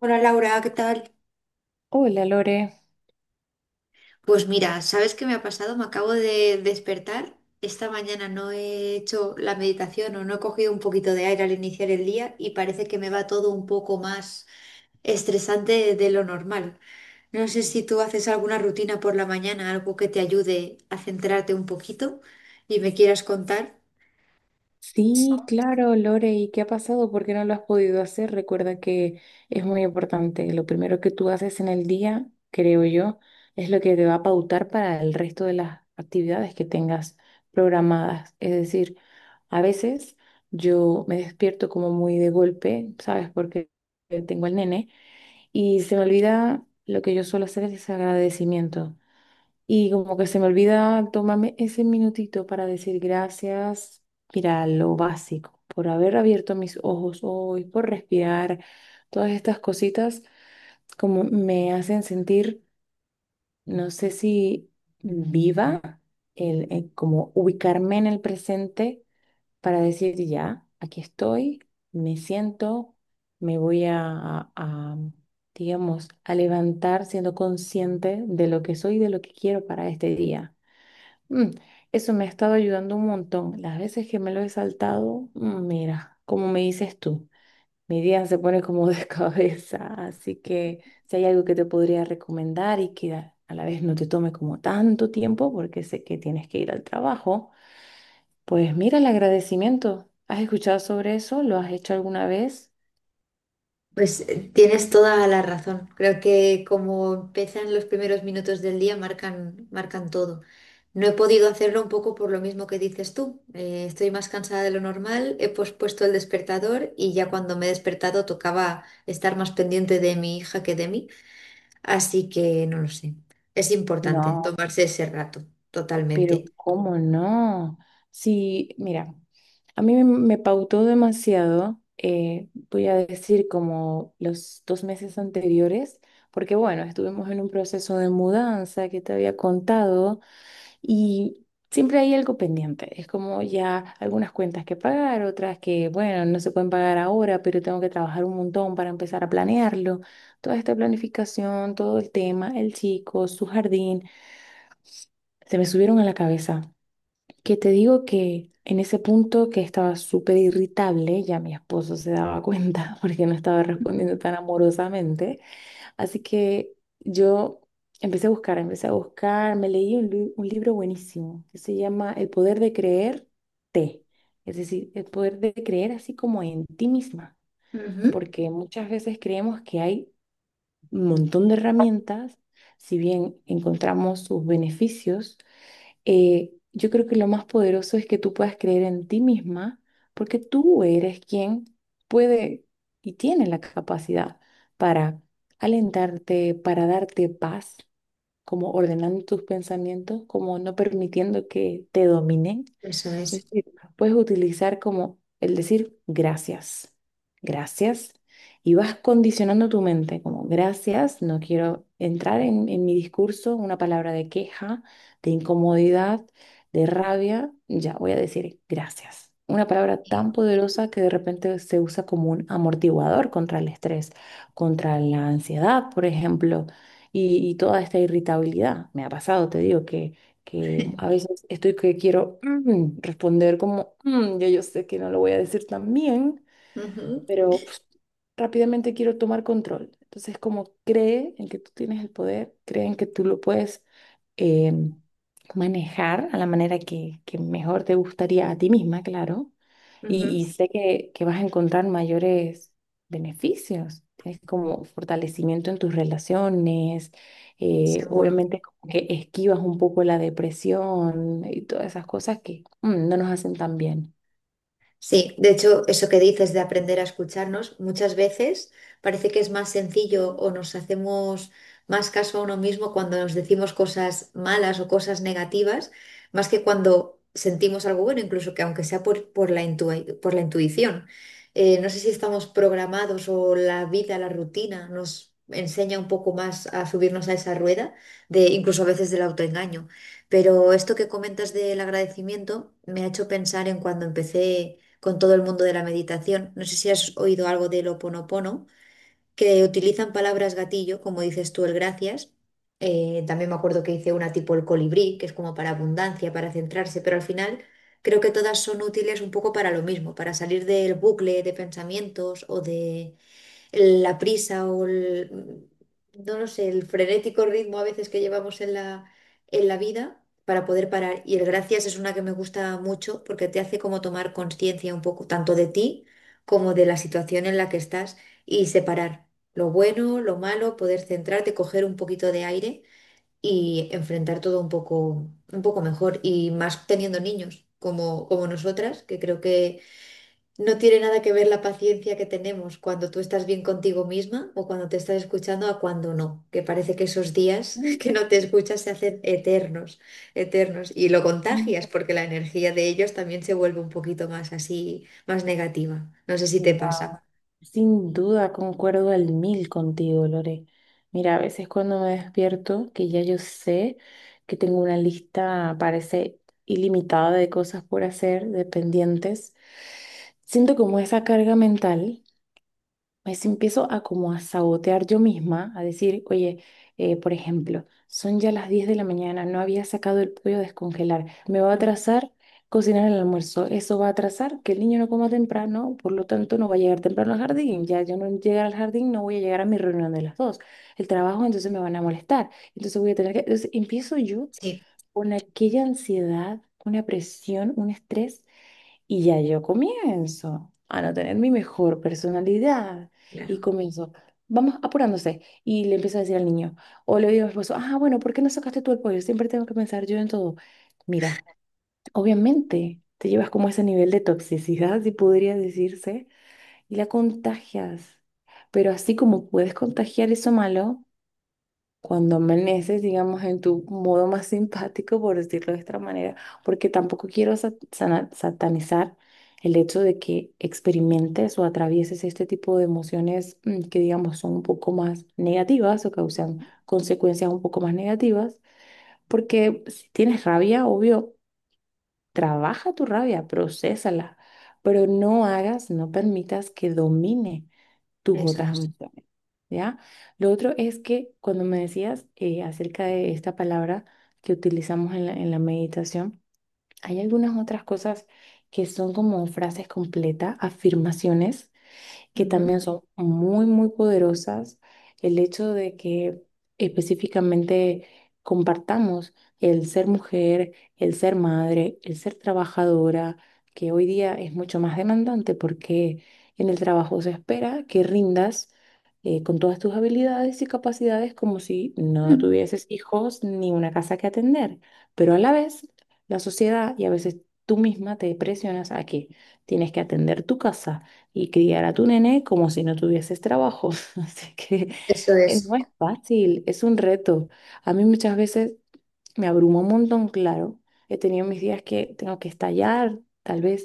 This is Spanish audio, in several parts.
Hola Laura, ¿qué tal? Hola Lore. Pues mira, ¿sabes qué me ha pasado? Me acabo de despertar. Esta mañana no he hecho la meditación o no he cogido un poquito de aire al iniciar el día y parece que me va todo un poco más estresante de lo normal. No sé si tú haces alguna rutina por la mañana, algo que te ayude a centrarte un poquito y me quieras contar. Sí, claro, Lore, ¿y qué ha pasado? ¿Por qué no lo has podido hacer? Recuerda que es muy importante. Lo primero que tú haces en el día, creo yo, es lo que te va a pautar para el resto de las actividades que tengas programadas. Es decir, a veces yo me despierto como muy de golpe, ¿sabes? Porque tengo el nene y se me olvida lo que yo suelo hacer es agradecimiento. Y como que se me olvida tomarme ese minutito para decir gracias, mira, lo básico, por haber abierto mis ojos hoy, por respirar, todas estas cositas como me hacen sentir, no sé si viva, el como ubicarme en el presente para decir ya, aquí estoy, me siento, me voy a, digamos, a levantar siendo consciente de lo que soy y de lo que quiero para este día. Mm, Eso me ha estado ayudando un montón. Las veces que me lo he saltado, mira, como me dices tú, mi día se pone como de cabeza. Así que si hay algo que te podría recomendar y que a la vez no te tome como tanto tiempo, porque sé que tienes que ir al trabajo, pues mira el agradecimiento. ¿Has escuchado sobre eso? ¿Lo has hecho alguna vez? Pues tienes toda la razón. Creo que como empiezan los primeros minutos del día, marcan todo. No he podido hacerlo un poco por lo mismo que dices tú. Estoy más cansada de lo normal, he pospuesto el despertador y ya cuando me he despertado tocaba estar más pendiente de mi hija que de mí. Así que no lo sé. Es importante No, tomarse ese rato, pero totalmente. ¿cómo no? Sí, mira. A mí me pautó demasiado, voy a decir como los 2 meses anteriores, porque bueno, estuvimos en un proceso de mudanza que te había contado y siempre hay algo pendiente. Es como ya algunas cuentas que pagar, otras que bueno, no se pueden pagar ahora, pero tengo que trabajar un montón para empezar a planearlo. Toda esta planificación, todo el tema, el chico, su jardín, se me subieron a la cabeza. Que te digo que en ese punto que estaba súper irritable, ya mi esposo se daba cuenta porque no estaba Ujú. respondiendo tan amorosamente. Así que yo empecé a buscar, me leí un libro buenísimo que se llama El poder de creerte. Es decir, el poder de creer así como en ti misma, Ujú. porque muchas veces creemos que hay un montón de herramientas, si bien encontramos sus beneficios, yo creo que lo más poderoso es que tú puedas creer en ti misma, porque tú eres quien puede y tiene la capacidad para alentarte, para darte paz, como ordenando tus pensamientos, como no permitiendo que te dominen. Eso Es es. decir, puedes utilizar como el decir gracias, gracias, y vas condicionando tu mente como gracias, no quiero entrar en mi discurso una palabra de queja, de incomodidad, de rabia, ya voy a decir gracias. Una palabra tan poderosa que de repente se usa como un amortiguador contra el estrés, contra la ansiedad, por ejemplo, y toda esta irritabilidad. Me ha pasado, te digo, que a veces estoy que quiero responder como, ya yo sé que no lo voy a decir tan bien, Ujú, pero pf, rápidamente quiero tomar control. Entonces, como cree en que tú tienes el poder, cree en que tú lo puedes em, manejar a la manera que mejor te gustaría a ti misma, claro. Y, ujú. y sé que vas a encontrar mayores beneficios. Tienes como fortalecimiento en tus relaciones, Seguro. obviamente como que esquivas un poco la depresión y todas esas cosas que no nos hacen tan bien. Sí, de hecho, eso que dices de aprender a escucharnos, muchas veces parece que es más sencillo o nos hacemos más caso a uno mismo cuando nos decimos cosas malas o cosas negativas, más que cuando sentimos algo bueno, incluso que aunque sea por la intuición. No sé si estamos programados o la vida, la rutina nos enseña un poco más a subirnos a esa rueda, de, incluso a veces del autoengaño. Pero esto que comentas del agradecimiento me ha hecho pensar en cuando empecé con todo el mundo de la meditación. No sé si has oído algo del Ho Oponopono, que utilizan palabras gatillo, como dices tú, el gracias. También me acuerdo que hice una tipo el colibrí, que es como para abundancia, para centrarse, pero al final creo que todas son útiles un poco para lo mismo, para salir del bucle de pensamientos o de la prisa o no lo sé, el frenético ritmo a veces que llevamos en la vida para poder parar. Y el gracias es una que me gusta mucho porque te hace como tomar conciencia un poco tanto de ti como de la situación en la que estás y separar lo bueno, lo malo, poder centrarte, coger un poquito de aire y enfrentar todo un poco mejor y más teniendo niños como nosotras, que creo que no tiene nada que ver la paciencia que tenemos cuando tú estás bien contigo misma o cuando te estás escuchando a cuando no, que parece que esos días que no te escuchas se hacen eternos, eternos, y lo Mm. contagias porque la energía de ellos también se vuelve un poquito más así, más negativa. No sé si te Wow. pasa. Sin duda concuerdo al mil contigo, Lore. Mira, a veces cuando me despierto, que ya yo sé que tengo una lista, parece ilimitada de cosas por hacer, de pendientes, siento como esa carga mental, pues empiezo a como a sabotear yo misma, a decir, oye, por ejemplo, son ya las 10 de la mañana, no había sacado el pollo a descongelar, me va a Ujú. atrasar cocinar el almuerzo, eso va a atrasar que el niño no coma temprano, por lo tanto no va a llegar temprano al jardín, ya yo no llegar al jardín, no voy a llegar a mi reunión de las 2, el trabajo entonces me van a molestar, entonces voy a tener que, entonces empiezo yo Sí, con aquella ansiedad, una presión, un estrés y ya yo comienzo a no tener mi mejor personalidad. Y claro, comienzo, vamos apurándose. Y le empiezo a decir al niño, o le digo a mi esposo, ah, bueno, ¿por qué no sacaste tú el pollo? Siempre tengo que pensar yo en todo. Mira, obviamente te llevas como ese nivel de toxicidad, si podría decirse, y la contagias. Pero así como puedes contagiar eso malo, cuando amaneces, digamos, en tu modo más simpático, por decirlo de esta manera, porque tampoco quiero satanizar el hecho de que experimentes o atravieses este tipo de emociones, que, digamos, son un poco más negativas o causan consecuencias un poco más negativas, porque si tienes rabia, obvio, trabaja tu rabia, procésala, pero no hagas, no permitas que domine tus eso otras es. amistades, ¿ya? Lo otro es que cuando me decías, acerca de esta palabra que utilizamos en la meditación, hay algunas otras cosas que son como frases completas, afirmaciones que Ujú, también son muy, muy poderosas. El hecho de que específicamente compartamos el ser mujer, el ser madre, el ser trabajadora, que hoy día es mucho más demandante porque en el trabajo se espera que rindas, con todas tus habilidades y capacidades como si no ujú, tuvieses hijos ni una casa que atender. Pero a la vez, la sociedad y a veces tú misma te presionas a que tienes que atender tu casa y criar a tu nene como si no tuvieses trabajo. Así que, eso es. no es fácil, es un reto. A mí muchas veces me abrumó un montón, claro. He tenido mis días que tengo que estallar, tal vez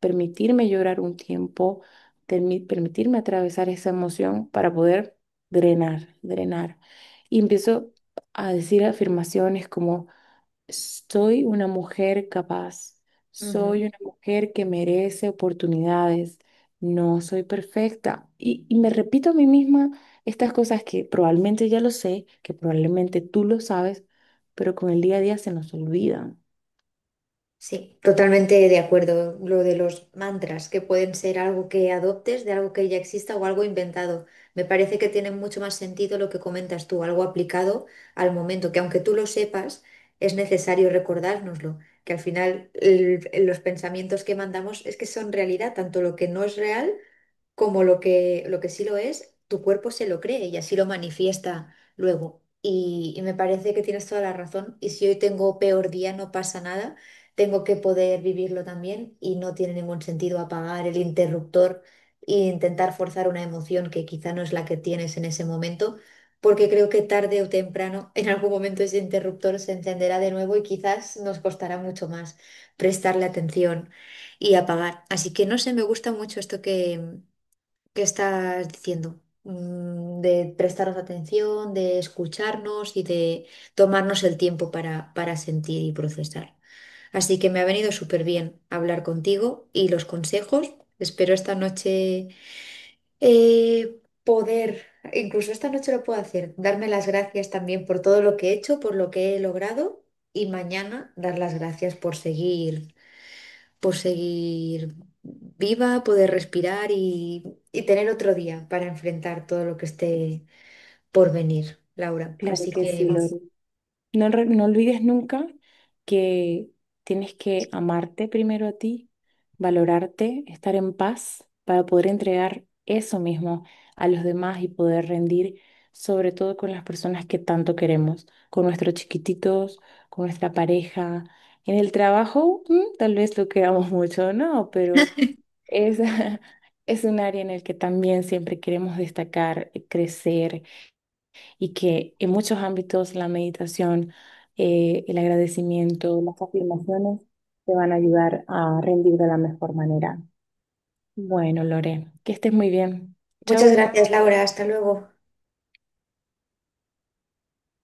permitirme llorar un tiempo, permitirme atravesar esa emoción para poder drenar, drenar. Y empiezo a decir afirmaciones como... Soy una mujer capaz, Ujú. soy una mujer que merece oportunidades, no soy perfecta. Y me repito a mí misma estas cosas que probablemente ya lo sé, que probablemente tú lo sabes, pero con el día a día se nos olvidan. Sí, totalmente de acuerdo. Lo de los mantras, que pueden ser algo que adoptes de algo que ya exista o algo inventado. Me parece que tiene mucho más sentido lo que comentas tú, algo aplicado al momento, que aunque tú lo sepas, es necesario recordárnoslo, que al final el- los pensamientos que mandamos es que son realidad, tanto lo que no es real como lo que sí lo es, tu cuerpo se lo cree y así lo manifiesta luego. Y me parece que tienes toda la razón. Y si hoy tengo peor día, no pasa nada. Tengo que poder vivirlo también y no tiene ningún sentido apagar el interruptor e intentar forzar una emoción que quizá no es la que tienes en ese momento, porque creo que tarde o temprano, en algún momento ese interruptor se encenderá de nuevo y quizás nos costará mucho más prestarle atención y apagar. Así que no sé, me gusta mucho esto que estás diciendo, de prestaros atención, de escucharnos y de tomarnos el tiempo para sentir y procesar. Así que me ha venido súper bien hablar contigo y los consejos. Espero esta noche poder, incluso esta noche lo puedo hacer, darme las gracias también por todo lo que he hecho, por lo que he logrado y mañana dar las gracias por seguir viva, poder respirar y tener otro día para enfrentar todo lo que esté por venir, Laura. Claro Así que que sí, Lore. No, no olvides nunca que tienes que amarte primero a ti, valorarte, estar en paz para poder entregar eso mismo a los demás y poder rendir, sobre todo con las personas que tanto queremos, con nuestros chiquititos, con nuestra pareja. En el trabajo, tal vez lo queramos mucho, no, pero es, es un área en el que también siempre queremos destacar, crecer y que en muchos ámbitos la meditación, el agradecimiento, las afirmaciones te van a ayudar a rendir de la mejor manera. Bueno, Lore, que estés muy bien. muchas Chau. gracias, Laura. Hasta luego.